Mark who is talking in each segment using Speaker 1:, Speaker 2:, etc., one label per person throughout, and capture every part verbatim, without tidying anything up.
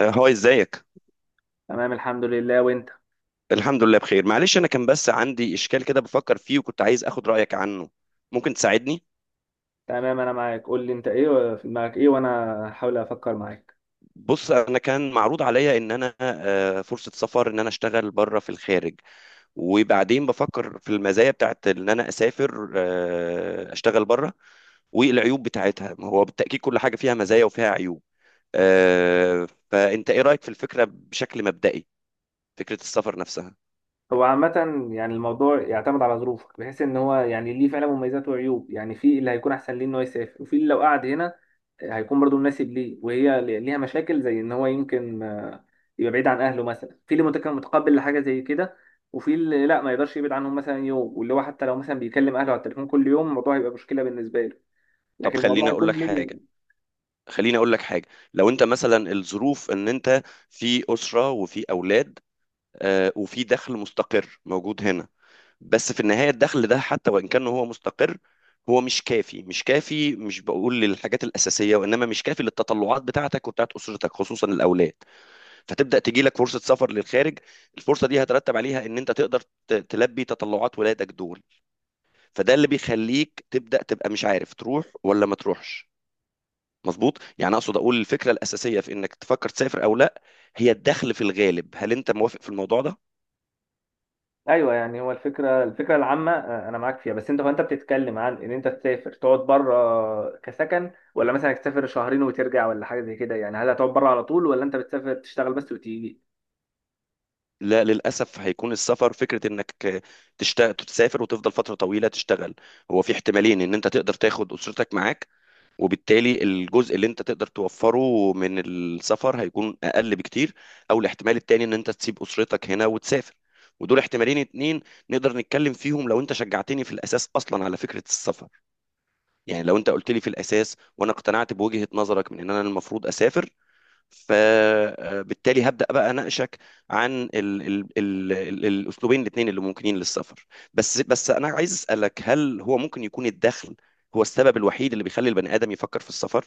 Speaker 1: آه، هاي ازيك.
Speaker 2: تمام، الحمد لله. وانت؟
Speaker 1: الحمد لله بخير، معلش، انا كان بس عندي اشكال كده بفكر فيه وكنت عايز اخد رايك عنه. ممكن تساعدني؟
Speaker 2: تمام. انا معاك، قول لي انت ايه في دماغك، ايه وانا هحاول افكر معاك.
Speaker 1: بص، انا كان معروض عليا ان انا آه، فرصه سفر، ان انا اشتغل بره في الخارج. وبعدين بفكر في المزايا بتاعت ان انا اسافر آه، اشتغل بره، والعيوب بتاعتها. ما هو بالتاكيد كل حاجه فيها مزايا وفيها عيوب. آه، فانت ايه رايك في الفكره بشكل مبدئي، فكره السفر نفسها؟
Speaker 2: هو عامة يعني الموضوع يعتمد على ظروفك، بحيث ان هو يعني ليه فعلا مميزات وعيوب. يعني في اللي هيكون احسن ليه ان هو يسافر، وفي اللي لو قعد هنا هيكون برضه مناسب ليه. وهي ل- ليها مشاكل زي ان هو يمكن آه، يبقى بعيد عن اهله مثلا. في اللي متك- متقبل لحاجة زي كده، وفي اللي لا ما يقدرش يبعد عنهم مثلا يوم، واللي هو حتى لو مثلا بيكلم اهله على التليفون كل يوم الموضوع هيبقى مشكلة بالنسبة له.
Speaker 1: طب
Speaker 2: لكن
Speaker 1: خليني
Speaker 2: الموضوع
Speaker 1: اقول
Speaker 2: هيكون
Speaker 1: لك حاجه.
Speaker 2: ليه.
Speaker 1: خليني اقول لك حاجه. لو انت مثلا الظروف ان انت في اسره وفي اولاد، آه، وفي دخل مستقر موجود هنا. بس في النهايه الدخل ده حتى وان كان هو مستقر، هو مش كافي مش كافي. مش بقول للحاجات الاساسيه، وانما مش كافي للتطلعات بتاعتك وبتاعت اسرتك، خصوصا الاولاد. فتبدا تجي لك فرصه سفر للخارج. الفرصه دي هترتب عليها ان انت تقدر ت- تلبي تطلعات ولادك دول. فده اللي بيخليك تبدا تبقى مش عارف تروح ولا ما تروحش. مظبوط؟ يعني اقصد اقول الفكره الاساسيه في انك تفكر تسافر او لا، هي الدخل في الغالب. هل انت موافق في الموضوع ده؟
Speaker 2: ايوه، يعني هو الفكره الفكره العامه، آه، انا معاك فيها. بس انت، هو انت بتتكلم عن ان انت تسافر تقعد بره كسكن، ولا مثلا تسافر شهرين وترجع، ولا حاجه زي كده؟ يعني هل هتقعد بره على طول، ولا انت بتسافر تشتغل بس وتيجي؟
Speaker 1: لا، للاسف هيكون السفر فكره انك تشتغل، تسافر وتفضل فتره طويله تشتغل. هو في احتمالين، ان انت تقدر تاخد اسرتك معاك، وبالتالي الجزء اللي انت تقدر توفره من السفر هيكون اقل بكتير. او الاحتمال التاني ان انت تسيب اسرتك هنا وتسافر. ودول احتمالين اتنين نقدر نتكلم فيهم لو انت شجعتني في الاساس اصلا على فكره السفر. يعني لو انت قلت لي في الاساس وانا اقتنعت بوجهة نظرك من ان انا المفروض اسافر، فبالتالي هبدا بقى اناقشك عن ال ال ال ال الاسلوبين الاثنين اللي ممكنين للسفر. بس بس انا عايز اسالك، هل هو ممكن يكون الدخل هو السبب الوحيد اللي بيخلي البني ادم يفكر في السفر؟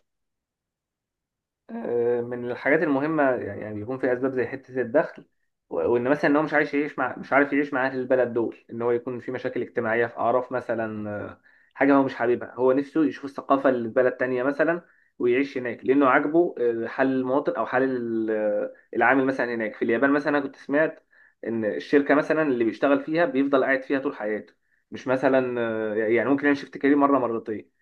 Speaker 2: آه، من الحاجات المهمة، يعني يعني بيكون في أسباب زي حتة الدخل. و- وإن مثلا إن هو مش عايش يعيش مع مش عارف يعيش مع أهل البلد دول، إن هو يكون في مشاكل اجتماعية في أعراف مثلا، آه، حاجة هو مش حاببها. هو نفسه يشوف الثقافة اللي في بلد تانية مثلا ويعيش هناك لأنه عاجبه، آه، حال المواطن أو حال ال- آه، العامل مثلا هناك. في اليابان مثلا أنا كنت سمعت إن الشركة مثلا اللي بيشتغل فيها بيفضل قاعد فيها طول حياته، مش مثلا آه، يعني ممكن يعمل شيفت كارير مرة مرتين.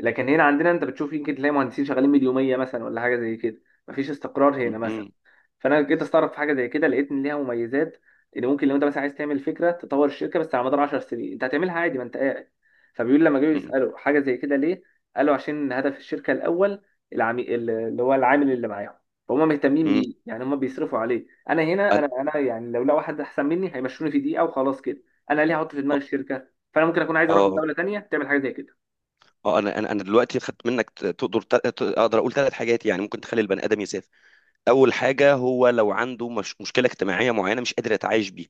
Speaker 2: لكن هنا عندنا انت بتشوف يمكن تلاقي مهندسين شغالين مليوميه مثلا، ولا حاجه زي كده. مفيش استقرار
Speaker 1: م-
Speaker 2: هنا مثلا.
Speaker 1: م-
Speaker 2: فانا جيت استغرب في حاجه زي كده، لقيت ان ليها مميزات. ان ممكن لو انت مثلا عايز تعمل فكره تطور الشركه، بس على مدار 10 سنين انت هتعملها عادي ما انت قاعد. فبيقول لما جاوا
Speaker 1: م-
Speaker 2: يسالوا حاجه زي كده ليه، قالوا عشان هدف الشركه الاول، العمي... اللي هو العامل اللي معاهم. فهم مهتمين
Speaker 1: م-
Speaker 2: بيه، يعني هم بيصرفوا عليه. انا هنا،
Speaker 1: أنا-
Speaker 2: انا انا يعني لو لقوا واحد احسن مني هيمشوني في دقيقه وخلاص كده. انا ليه هحط في دماغي الشركه؟ فانا ممكن اكون عايز اروح
Speaker 1: اه،
Speaker 2: لدوله تانيه تعمل حاجه زي كده.
Speaker 1: اه، انا انا انا دلوقتي خدت منك ت- تقدر ت- ت- اقدر اقول ثلاث حاجات يعني ممكن تخلي البني ادم يسافر. اول حاجه، هو لو عنده مش مشكله اجتماعيه معينه مش قادر يتعايش بيه.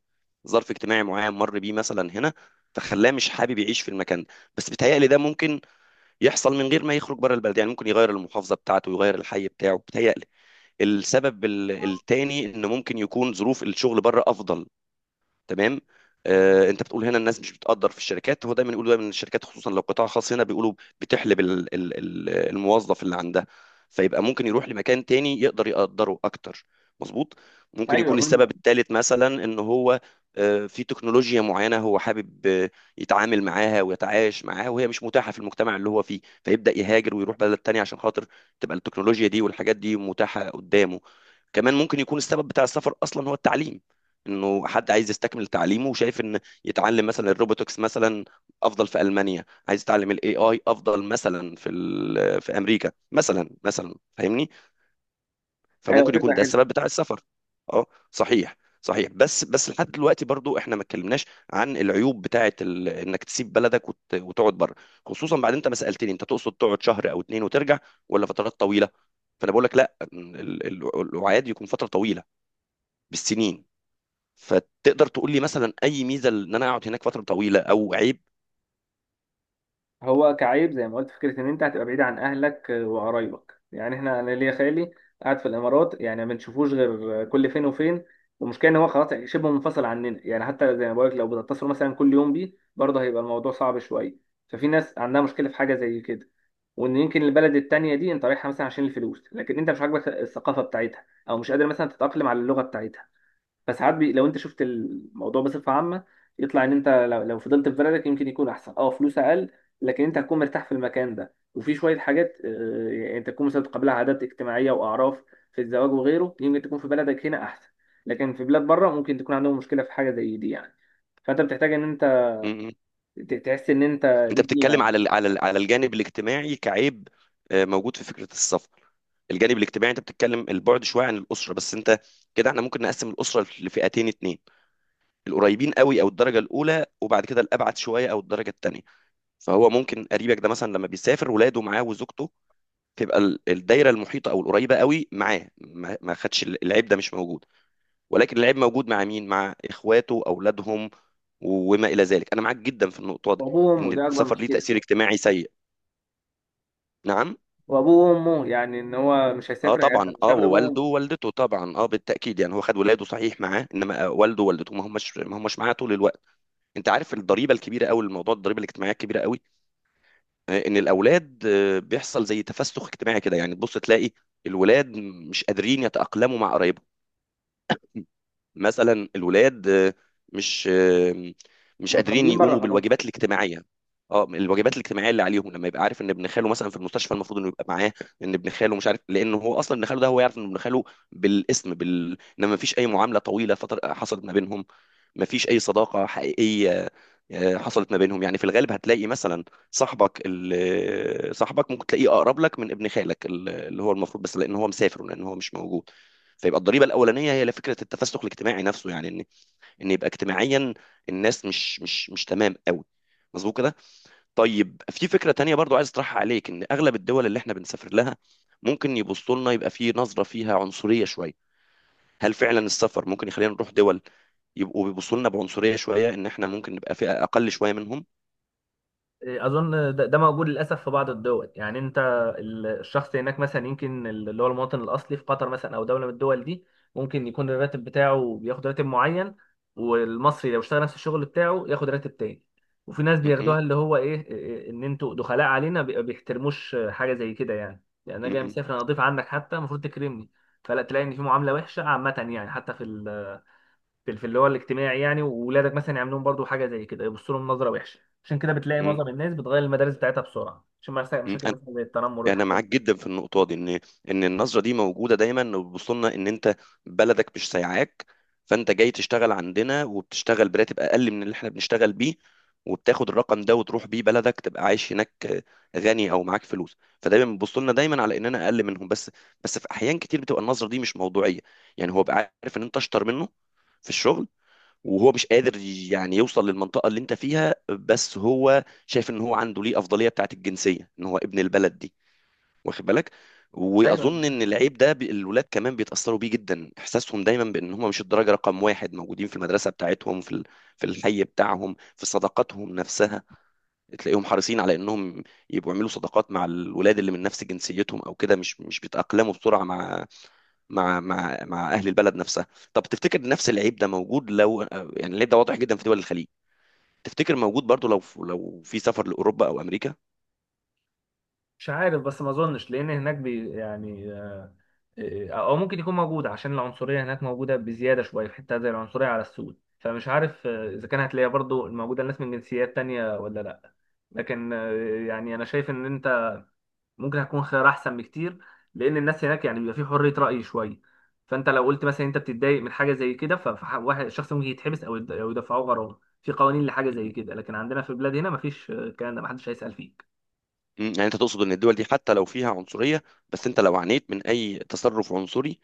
Speaker 1: ظرف اجتماعي معين مر بيه مثلا هنا، فخلاه مش حابب يعيش في المكان ده. بس بيتهيألي ده ممكن يحصل من غير ما يخرج بره البلد. يعني ممكن يغير المحافظه بتاعته، يغير الحي بتاعه، بيتهيألي. السبب ال- التاني انه ممكن يكون ظروف الشغل بره افضل. تمام. آه، انت بتقول هنا الناس مش بتقدر في الشركات. هو دايما يقولوا دايما إن الشركات خصوصا لو قطاع خاص هنا بيقولوا بتحلب ال- ال- ال- الموظف اللي عندها، فيبقى ممكن يروح لمكان تاني يقدر يقدره اكتر. مظبوط. ممكن
Speaker 2: ايوه،
Speaker 1: يكون السبب الثالث مثلا ان هو آه، في تكنولوجيا معينة هو حابب آه، يتعامل معاها ويتعايش معاها، وهي مش متاحة في المجتمع اللي هو فيه، فيبدأ يهاجر ويروح بلد تانية عشان خاطر تبقى التكنولوجيا دي والحاجات دي متاحة قدامه. كمان ممكن يكون السبب بتاع السفر اصلا هو التعليم. انه حد عايز يستكمل تعليمه وشايف ان يتعلم مثلا الروبوتكس مثلا افضل في المانيا، عايز يتعلم الاي اي افضل مثلا في ال- في امريكا مثلا مثلا فاهمني.
Speaker 2: ايوه،
Speaker 1: فممكن يكون
Speaker 2: فكره
Speaker 1: ده
Speaker 2: حلوه.
Speaker 1: السبب بتاع السفر. اه، صحيح. صحيح. بس بس لحد دلوقتي برضو احنا ما اتكلمناش عن العيوب بتاعه ال... انك تسيب بلدك وت... وتقعد بره، خصوصا بعد انت ما سالتني انت تقصد تقعد شهر او اتنين وترجع، ولا فترات طويله. فانا بقول لك لا، ال- ال- الوعاد يكون فتره طويله بالسنين. فتقدر تقول لي مثلا اي ميزه ان انا اقعد هناك فتره طويله او عيب؟
Speaker 2: هو كعيب زي ما قلت فكره ان انت هتبقى بعيد عن اهلك وقرايبك. يعني احنا، انا ليا خالي قاعد في الامارات يعني ما بنشوفوش غير كل فين وفين. والمشكله ان هو خلاص يعني شبه منفصل عننا. يعني حتى زي ما بقولك لو بتتصل مثلا كل يوم بيه برضه هيبقى الموضوع صعب شويه. ففي ناس عندها مشكله في حاجه زي كده. وان يمكن البلد التانيه دي انت رايحها مثلا عشان الفلوس، لكن انت مش عاجبك الثقافه بتاعتها، او مش قادر مثلا تتاقلم على اللغه بتاعتها. فساعات بي... لو انت شفت الموضوع بصفه عامه، يطلع ان انت لو, لو فضلت في بلدك يمكن يكون احسن. اه، فلوس اقل، لكن انت هتكون مرتاح في المكان ده. وفي شويه حاجات، آه، يعني انت تكون مثلا بتقابلها عادات اجتماعيه واعراف في الزواج وغيره يمكن تكون في بلدك هنا احسن. لكن في بلاد بره ممكن تكون عندهم مشكله في حاجه زي دي يعني. فانت بتحتاج ان انت
Speaker 1: م- م.
Speaker 2: ت- تحس ان انت
Speaker 1: انت
Speaker 2: ليك قيمه
Speaker 1: بتتكلم
Speaker 2: يعني.
Speaker 1: على ال- على ال- على الجانب الاجتماعي كعيب آه، موجود في فكره السفر. الجانب الاجتماعي انت بتتكلم البعد شويه عن الاسره، بس انت كده احنا ممكن نقسم الاسره لفئتين اتنين، القريبين قوي او الدرجه الاولى، وبعد كده الابعد شويه او الدرجه التانيه. فهو ممكن قريبك ده مثلا لما بيسافر ولاده معاه وزوجته، تبقى ال- الدايره المحيطه او القريبه قوي معاه، ما ما خدش ال- العيب ده مش موجود. ولكن اللعيب موجود مع مين؟ مع اخواته، اولادهم، وما الى ذلك. انا معاك جدا في النقطه دي،
Speaker 2: وابوه وامه
Speaker 1: ان
Speaker 2: ده اكبر
Speaker 1: السفر ليه
Speaker 2: مشكله.
Speaker 1: تاثير اجتماعي سيء. نعم.
Speaker 2: وابوه وامه، يعني ان هو مش
Speaker 1: اه،
Speaker 2: هيسافر يعني
Speaker 1: طبعا،
Speaker 2: مش
Speaker 1: اه،
Speaker 2: هياخد ابوه
Speaker 1: ووالده
Speaker 2: وامه.
Speaker 1: ووالدته طبعا، اه، بالتاكيد. يعني هو خد ولاده صحيح معاه، انما والده ووالدته ما همش ما همش معاه طول الوقت. انت عارف الضريبه الكبيره قوي، الموضوع الضريبه الاجتماعيه الكبيره قوي، آه، ان الاولاد آه، بيحصل زي تفسخ اجتماعي كده. يعني تبص تلاقي الولاد مش قادرين يتاقلموا مع قرايبهم. مثلا الولاد آه، مش آه، مش
Speaker 2: هم
Speaker 1: قادرين
Speaker 2: متربيين بره
Speaker 1: يقوموا
Speaker 2: خلاص.
Speaker 1: بالواجبات الاجتماعيه. اه، الواجبات الاجتماعيه اللي عليهم لما يبقى عارف ان ابن خاله مثلا في المستشفى المفروض انه يبقى معاه. ان ابن خاله مش عارف، لان هو اصلا ابن خاله ده هو يعرف ان ابن خاله بالاسم بال انما مفيش اي معامله طويله فتر... حصلت ما بينهم. مفيش اي صداقه حقيقيه آه، حصلت ما بينهم. يعني في الغالب هتلاقي مثلا صاحبك ال- آه، صاحبك ممكن تلاقيه اقرب لك من ابن خالك ال- اللي هو المفروض، بس لان هو مسافر ولان هو مش موجود. فيبقى الضريبه الاولانيه هي فكره التفسخ الاجتماعي نفسه. يعني ان ان يبقى اجتماعيا الناس مش مش مش تمام قوي. مظبوط كده. طيب، في فكره تانية برضو عايز اطرحها عليك، ان اغلب الدول اللي احنا بنسافر لها ممكن يبصوا لنا، يبقى في نظره فيها عنصريه شويه. هل فعلا السفر ممكن يخلينا نروح دول يبقوا بيبصوا لنا بعنصريه شويه، ان احنا ممكن نبقى فئه اقل شويه منهم؟
Speaker 2: اظن ده ده موجود للاسف في بعض الدول. يعني انت ال- الشخص هناك مثلا يمكن اللي هو المواطن الاصلي في قطر مثلا او دوله من الدول دي، ممكن يكون الراتب بتاعه بياخد راتب معين، والمصري لو اشتغل نفس الشغل بتاعه ياخد راتب تاني. وفي ناس
Speaker 1: م- م-
Speaker 2: بياخدوها اللي هو ايه إيه، ان انتوا دخلاء علينا، بي- بيحترموش حاجه زي كده. يعني يعني انا جاي
Speaker 1: م-
Speaker 2: مسافر، انا اضيف عنك، حتى المفروض تكرمني. فلا تلاقي ان في معامله وحشه عامه. يعني حتى في في في اللي هو الاجتماعي. يعني وولادك مثلا يعملوا لهم برضو حاجه زي كده، يبصوا لهم نظره وحشه. عشان كده بتلاقي
Speaker 1: م-
Speaker 2: معظم الناس بتغير المدارس بتاعتها بسرعه عشان ما يحصل
Speaker 1: م-
Speaker 2: مشاكل مثلا زي التنمر
Speaker 1: يعني انا
Speaker 2: والحاجات
Speaker 1: معاك
Speaker 2: دي.
Speaker 1: جدا في النقطه دي، ان ان النظره دي موجوده دايما، وبيبصوا لنا ان انت بلدك مش سايعاك، فانت جاي تشتغل عندنا وبتشتغل براتب اقل من اللي احنا بنشتغل بيه، وبتاخد الرقم ده وتروح بيه بلدك تبقى عايش هناك غني او معاك فلوس. فدايما بيبصوا لنا دايما على اننا اقل منهم. بس بس في احيان كتير بتبقى النظره دي مش موضوعيه. يعني هو بقى عارف ان انت اشطر منه في الشغل، وهو مش قادر يعني يوصل للمنطقه اللي انت فيها، بس هو شايف ان هو عنده ليه افضليه بتاعت الجنسيه، ان هو ابن البلد دي، واخد بالك.
Speaker 2: ايوه.
Speaker 1: واظن ان العيب ده بي- الولاد كمان بيتاثروا بيه جدا، احساسهم دايما بان هم مش الدرجه رقم واحد موجودين في المدرسه بتاعتهم، في ال- في الحي بتاعهم، في صداقاتهم نفسها. تلاقيهم حريصين على انهم يبقوا يعملوا صداقات مع الولاد اللي من نفس جنسيتهم او كده، مش مش بيتاقلموا بسرعه مع مع مع مع اهل البلد نفسها. طب تفتكر نفس العيب ده موجود لو آه، يعني العيب ده واضح جدا في دول الخليج، تفتكر موجود برضو لو لو في سفر لاوروبا او امريكا؟
Speaker 2: مش عارف، بس ما اظنش. لان هناك بي يعني، آه، او ممكن يكون موجود عشان العنصريه هناك موجوده بزياده شويه في حته زي العنصريه على السود. فمش عارف آه، اذا كان هتلاقيها برضو موجوده الناس من جنسيات تانية ولا لا. لكن آه، يعني انا شايف ان انت ممكن هيكون خيار احسن بكتير. لان الناس هناك يعني بيبقى في حريه راي شويه. فانت لو قلت مثلا انت بتتضايق من حاجه زي كده، فواحد شخص ممكن يتحبس او يد- أو يدفعوه غرامه في قوانين لحاجه زي كده. لكن عندنا في البلاد هنا مفيش، آه، الكلام ده محدش هيسال فيه.
Speaker 1: مم، يعني انت تقصد ان الدول دي حتى لو فيها عنصرية، بس انت لو عانيت من اي تصرف عنصري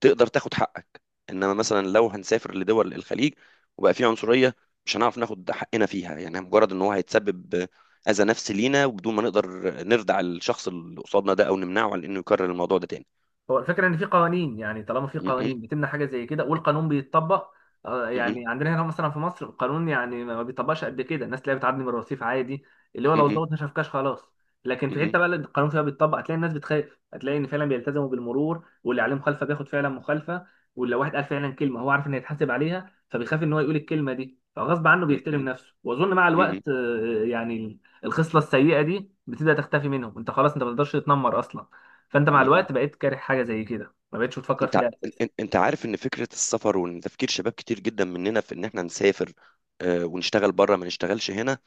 Speaker 1: تقدر تاخد حقك. انما مثلا لو هنسافر لدول الخليج وبقى فيه عنصرية، مش هنعرف ناخد حقنا فيها. يعني مجرد ان هو هيتسبب اذى نفسي لينا وبدون ما نقدر نردع الشخص اللي قصادنا ده او نمنعه عن انه يكرر الموضوع ده تاني.
Speaker 2: هو الفكرة إن في قوانين، يعني طالما في
Speaker 1: مم،
Speaker 2: قوانين بتمنع حاجة زي كده والقانون بيتطبق. آه،
Speaker 1: مم،
Speaker 2: يعني عندنا هنا مثلا في مصر القانون يعني ما بيطبقش قد كده. الناس تلاقيها بتعدي من الرصيف عادي، اللي هو
Speaker 1: مم،
Speaker 2: لو
Speaker 1: مم،
Speaker 2: الظابط ما شافكاش خلاص. لكن في
Speaker 1: مم،
Speaker 2: حتة بقى اللي القانون فيها بيتطبق هتلاقي الناس بتخاف. هتلاقي إن فعلا بيلتزموا بالمرور، واللي عليه مخالفة بياخد فعلا مخالفة. واللي لو واحد قال فعلا كلمة هو عارف إنه يتحاسب عليها فبيخاف إن هو يقول الكلمة دي، فغصب عنه
Speaker 1: مم،
Speaker 2: بيحترم
Speaker 1: مم،
Speaker 2: نفسه. وأظن مع
Speaker 1: مم،
Speaker 2: الوقت، آه، يعني الخصلة السيئة دي بتبدأ تختفي منهم. أنت خلاص أنت ما تقدرش تتنمر أصلا. فانت مع
Speaker 1: مم، مم.
Speaker 2: الوقت بقيت كاره حاجه زي كده، ما بقتش بتفكر
Speaker 1: انت ع-
Speaker 2: فيها اساسا.
Speaker 1: ان- انت عارف ان فكرة السفر، وان تفكير شباب كتير جدا مننا في ان احنا نسافر آه، ونشتغل بره ما نشتغلش هنا،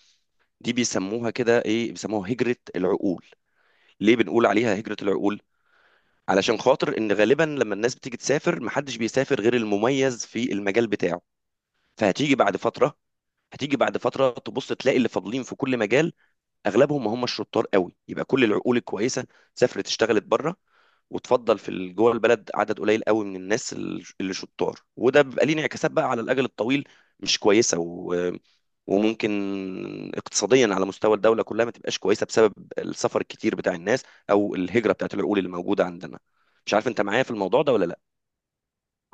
Speaker 1: دي بيسموها كده ايه، بيسموها هجرة العقول. ليه بنقول عليها هجرة العقول؟ علشان خاطر ان غالبا لما الناس بتيجي تسافر محدش بيسافر غير المميز في المجال بتاعه. فهتيجي بعد فترة، هتيجي بعد فترة تبص تلاقي اللي فاضلين في كل مجال اغلبهم ما هم الشطار قوي. يبقى كل العقول الكويسة سافرت اشتغلت بره، وتفضل في ال- جوه البلد عدد قليل قوي من الناس ال- اللي شطار. وده بيبقى ليه انعكاسات بقى على الاجل الطويل مش كويسه و... وممكن اقتصاديا على مستوى الدوله كلها ما تبقاش كويسه بسبب السفر الكتير بتاع الناس او الهجره بتاعت العقول اللي موجوده عندنا. مش عارف انت معايا في الموضوع ده ولا لا.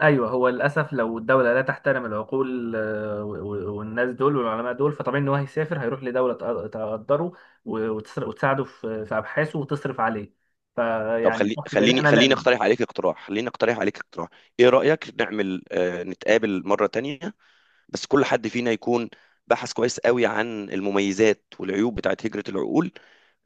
Speaker 2: ايوه. هو للاسف لو الدوله لا تحترم العقول، آه، و- و- والناس دول والعلماء دول، فطبيعي ان هو هيسافر هيروح لدوله تق- تقدره و- وتسر- وتساعده في في ابحاثه وتصرف عليه.
Speaker 1: طب
Speaker 2: فيعني
Speaker 1: خلي
Speaker 2: شخص زي ده
Speaker 1: خليني
Speaker 2: انا لا
Speaker 1: خليني
Speaker 2: له.
Speaker 1: اقترح عليك اقتراح. خليني اقترح عليك اقتراح. ايه رايك نعمل آه، نتقابل مره تانية، بس كل حد فينا يكون بحث كويس قوي عن المميزات والعيوب بتاعت هجره العقول.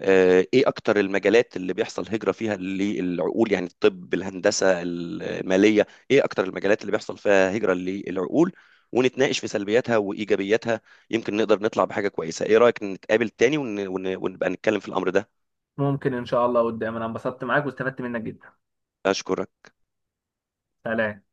Speaker 1: آه، ايه اكتر المجالات اللي بيحصل هجرة فيها للعقول، يعني الطب الهندسة المالية، ايه اكتر المجالات اللي بيحصل فيها هجرة للعقول؟ ونتناقش في سلبياتها وايجابياتها. يمكن نقدر نطلع بحاجة كويسة. ايه رأيك نتقابل تاني ون... ون... ونبقى نتكلم في الامر ده؟
Speaker 2: ممكن ان شاء الله قدام. انا انبسطت معاك واستفدت منك جدا.
Speaker 1: اشكرك.
Speaker 2: سلام.